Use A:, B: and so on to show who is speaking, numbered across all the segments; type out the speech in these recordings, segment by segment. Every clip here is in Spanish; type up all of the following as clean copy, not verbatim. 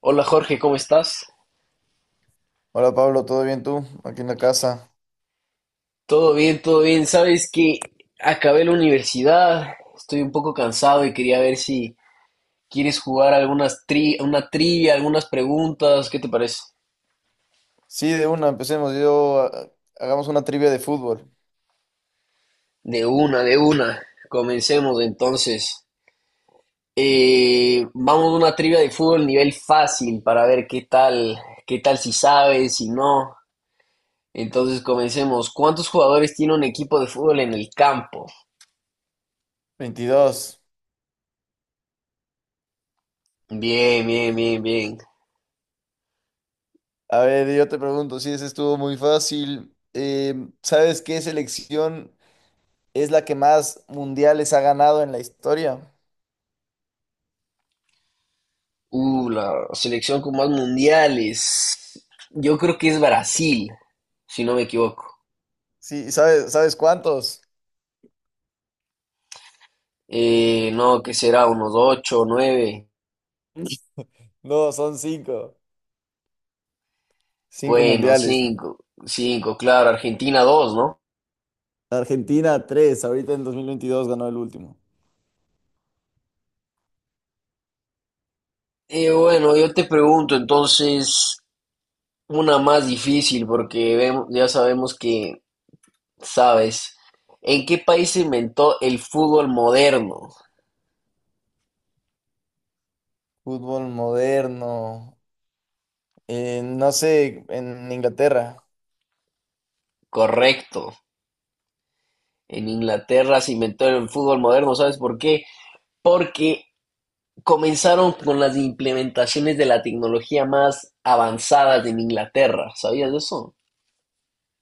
A: Hola Jorge, ¿cómo estás?
B: Hola Pablo, ¿todo bien tú? Aquí en la casa.
A: Todo bien, todo bien. Sabes que acabé la universidad, estoy un poco cansado y quería ver si quieres jugar algunas tri una trivia, algunas preguntas, ¿qué te parece?
B: Sí, de una, empecemos. Hagamos una trivia de fútbol.
A: De una, de una. Comencemos entonces. Vamos a una trivia de fútbol nivel fácil para ver qué tal si sabes, si no. Entonces comencemos. ¿Cuántos jugadores tiene un equipo de fútbol en el campo?
B: 22.
A: Bien, bien, bien, bien.
B: A ver, yo te pregunto, si ese estuvo muy fácil. ¿Sabes qué selección es la que más mundiales ha ganado en la historia?
A: La selección con más mundiales. Yo creo que es Brasil, si no me equivoco.
B: Sí, ¿sabes cuántos?
A: No, que será unos ocho, nueve.
B: No, son cinco. Cinco
A: Bueno,
B: mundiales.
A: cinco, cinco, claro. Argentina dos, ¿no?
B: Argentina, tres. Ahorita en 2022 ganó el último.
A: Bueno, yo te pregunto entonces una más difícil porque ya sabemos que sabes. ¿En qué país se inventó el fútbol moderno?
B: Fútbol moderno. No sé, en Inglaterra.
A: Correcto. En Inglaterra se inventó el fútbol moderno, ¿sabes por qué? Porque comenzaron con las implementaciones de la tecnología más avanzadas en Inglaterra, ¿sabías de eso?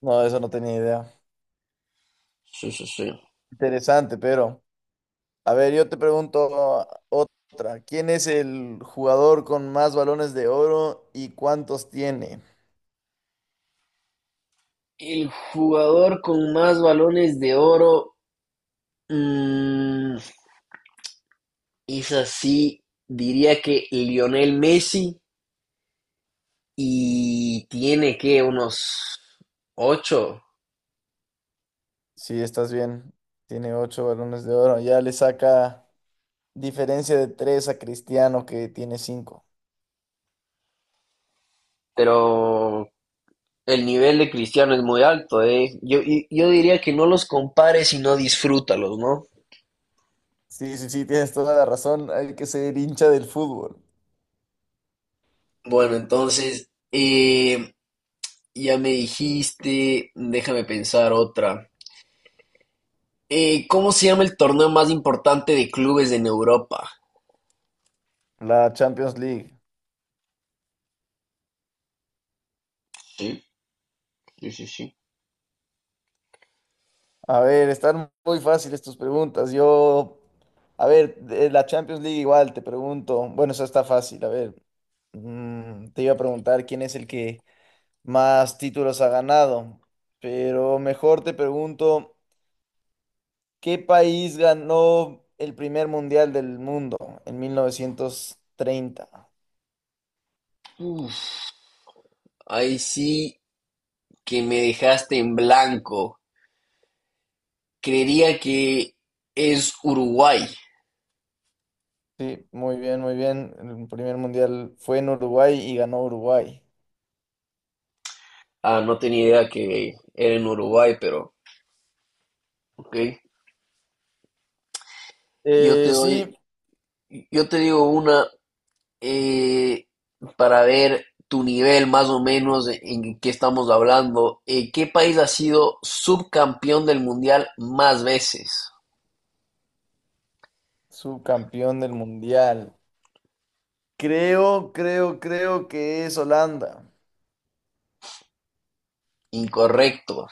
B: No, eso no tenía idea.
A: Sí, sí, sí.
B: Interesante, pero a ver, yo te pregunto otra. ¿Quién es el jugador con más balones de oro y cuántos tiene?
A: El jugador con más balones de oro, mm, es así, diría que Lionel Messi y tiene que unos ocho,
B: Sí, estás bien. Tiene ocho balones de oro. Ya le saca diferencia de tres a Cristiano que tiene cinco.
A: pero el nivel de Cristiano es muy alto, ¿eh? Yo diría que no los compares y no disfrútalos, ¿no?
B: Sí, sí, sí, tienes toda la razón. Hay que ser hincha del fútbol.
A: Bueno, entonces, ya me dijiste, déjame pensar otra. ¿Cómo se llama el torneo más importante de clubes en Europa?
B: La Champions League.
A: Sí, sí, sí, sí.
B: A ver, están muy fáciles tus preguntas. Yo, a ver, de la Champions League igual te pregunto. Bueno, eso está fácil. A ver, te iba a preguntar quién es el que más títulos ha ganado, pero mejor te pregunto, ¿qué país ganó el primer mundial del mundo en 1930?
A: Uf, ahí sí que me dejaste en blanco. Creería que es Uruguay.
B: Sí, muy bien, muy bien. El primer mundial fue en Uruguay y ganó Uruguay.
A: Ah, no tenía idea que era en Uruguay, pero ok. Yo te doy,
B: Sí.
A: yo te digo una eh, para ver tu nivel más o menos en, qué estamos hablando. ¿Qué país ha sido subcampeón del mundial más veces?
B: Subcampeón del mundial. Creo que es Holanda.
A: Incorrecto.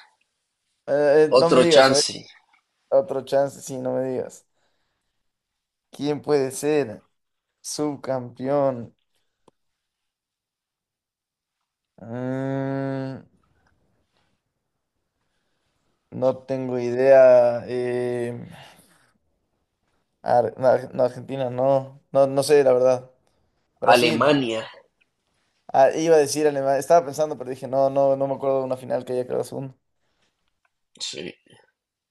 B: No me
A: Otro
B: digas, a ver,
A: chance.
B: otro chance, sí, no me digas. ¿Quién puede ser subcampeón? Mm, no tengo idea. No, no, Argentina, no. No, no sé, la verdad. Brasil.
A: Alemania.
B: Ah, iba a decir Alemania. Estaba pensando, pero dije, no, no, no me acuerdo de una final que haya quedado segundo.
A: Sí.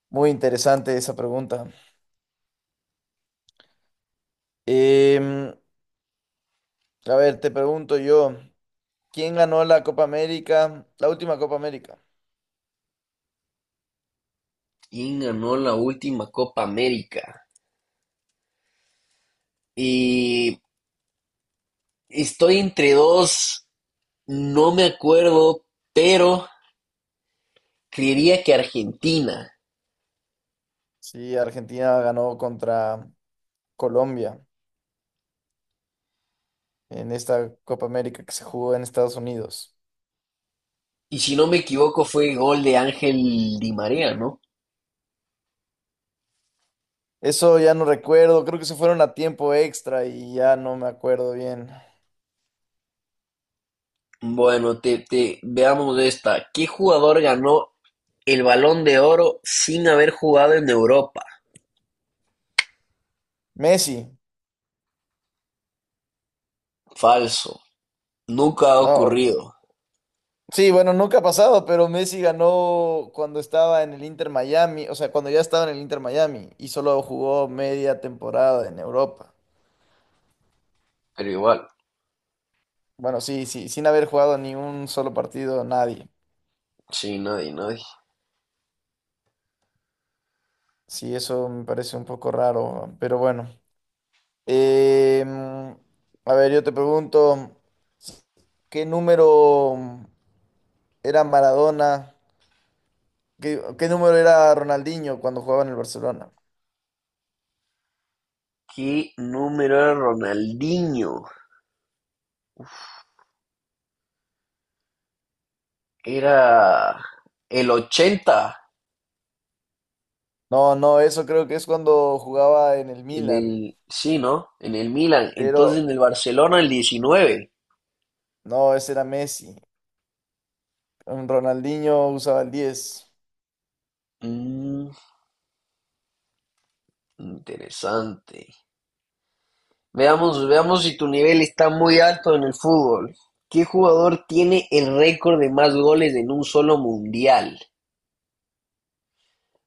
B: Muy interesante esa pregunta. Em, a ver, te pregunto yo. ¿Quién ganó la Copa América? La última Copa América.
A: ¿Quién ganó la última Copa América? Y estoy entre dos, no me acuerdo, pero creería que Argentina.
B: Sí, Argentina ganó contra Colombia en esta Copa América que se jugó en Estados Unidos.
A: Y si no me equivoco, fue gol de Ángel Di María, ¿no?
B: Eso ya no recuerdo, creo que se fueron a tiempo extra y ya no me acuerdo bien.
A: Bueno, veamos esta. ¿Qué jugador ganó el Balón de Oro sin haber jugado en Europa?
B: Messi,
A: Falso. Nunca ha
B: no.
A: ocurrido.
B: Sí, bueno, nunca ha pasado, pero Messi ganó cuando estaba en el Inter Miami, o sea, cuando ya estaba en el Inter Miami y solo jugó media temporada en Europa.
A: Pero igual,
B: Bueno, sí, sí, sin haber jugado ni un solo partido, nadie.
A: sí, nadie, nadie.
B: Sí, eso me parece un poco raro, pero bueno. Em, a ver, yo te pregunto, ¿qué número era Maradona? ¿Qué número era Ronaldinho cuando jugaba en el Barcelona?
A: ¿Qué número era Ronaldinho? Era el 80
B: No, no, eso creo que es cuando jugaba en el Milan,
A: sí, ¿no? En el Milan. Entonces
B: pero
A: en el Barcelona el 19.
B: no, ese era Messi. Mm, Ronaldinho usaba el 10.
A: Mm, interesante. Veamos, veamos si tu nivel está muy alto en el fútbol. ¿Qué jugador tiene el récord de más goles en un solo mundial?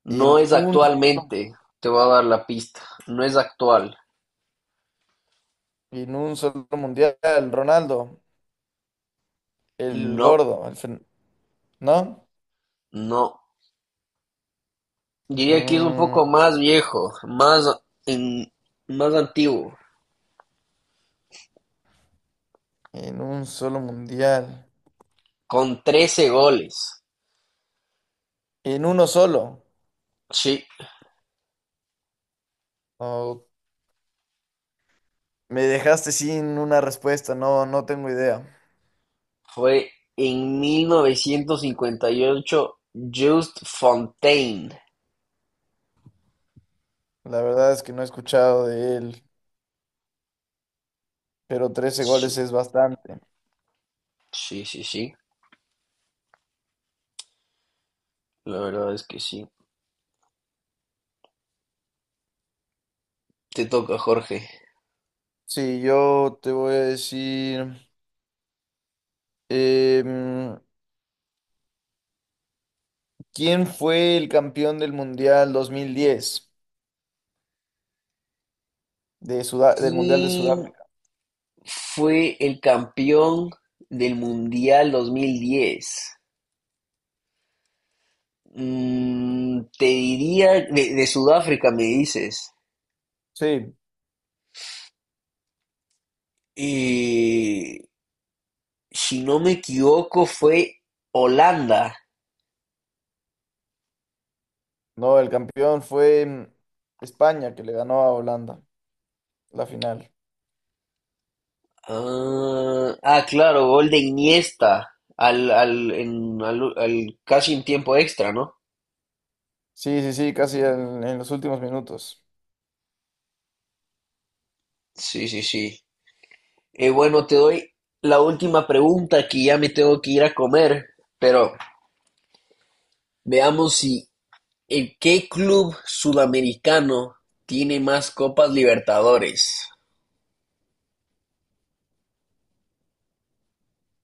A: No
B: En
A: es
B: un, solo-
A: actualmente. Te voy a dar la pista. No es actual.
B: en un solo mundial, Ronaldo, el
A: No,
B: gordo, ¿no?
A: no. Diría que es un
B: Mm,
A: poco más viejo, más, en- más antiguo,
B: En un solo mundial.
A: con 13 goles.
B: En uno solo.
A: Sí,
B: No, me dejaste sin una respuesta. No, no tengo idea.
A: fue en 1958 Just Fontaine.
B: La verdad es que no he escuchado de él. Pero 13 goles
A: Sí,
B: es bastante.
A: sí, sí, sí. La verdad es que sí. Te toca, Jorge.
B: Sí, yo te voy a decir. em, ¿Quién fue el campeón del mundial 2010? Del mundial de
A: ¿Quién
B: Sudáfrica.
A: fue el campeón del Mundial 2010? Te diría de, Sudáfrica, me dices.
B: Sí,
A: Eh, si no me equivoco, fue Holanda.
B: no, el campeón fue España que le ganó a Holanda la final.
A: Ah, ah, claro, gol de Iniesta al, al, en- al- al- casi en tiempo extra, ¿no?
B: Sí, sí, sí, casi en los últimos minutos.
A: Sí, sí, sí. Bueno, te doy la última pregunta que ya me tengo que ir a comer, pero veamos si el qué club sudamericano tiene más Copas Libertadores.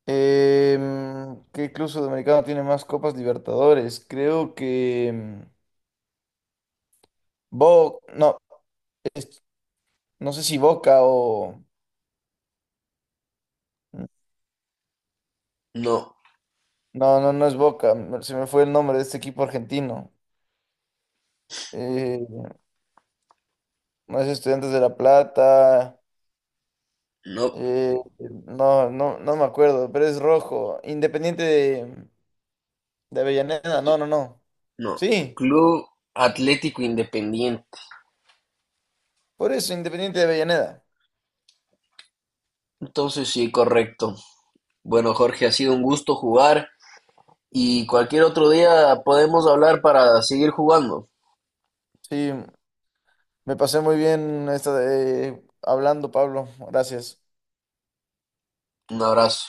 B: ¿Qué club sudamericano tiene más Copas Libertadores? Creo que no, es- no sé si Boca o
A: No,
B: no, no, no es Boca. Se me fue el nombre de este equipo argentino. Eh, no es Estudiantes de La Plata.
A: no,
B: eh, no, no, no me acuerdo, pero es rojo. Independiente de Avellaneda. No, no, no.
A: no.
B: Sí,
A: Club Atlético Independiente.
B: por eso Independiente de Avellaneda.
A: Entonces sí, correcto. Bueno, Jorge, ha sido un gusto jugar y cualquier otro día podemos hablar para seguir jugando.
B: Sí, me pasé muy bien hablando, Pablo. Gracias.
A: Un abrazo.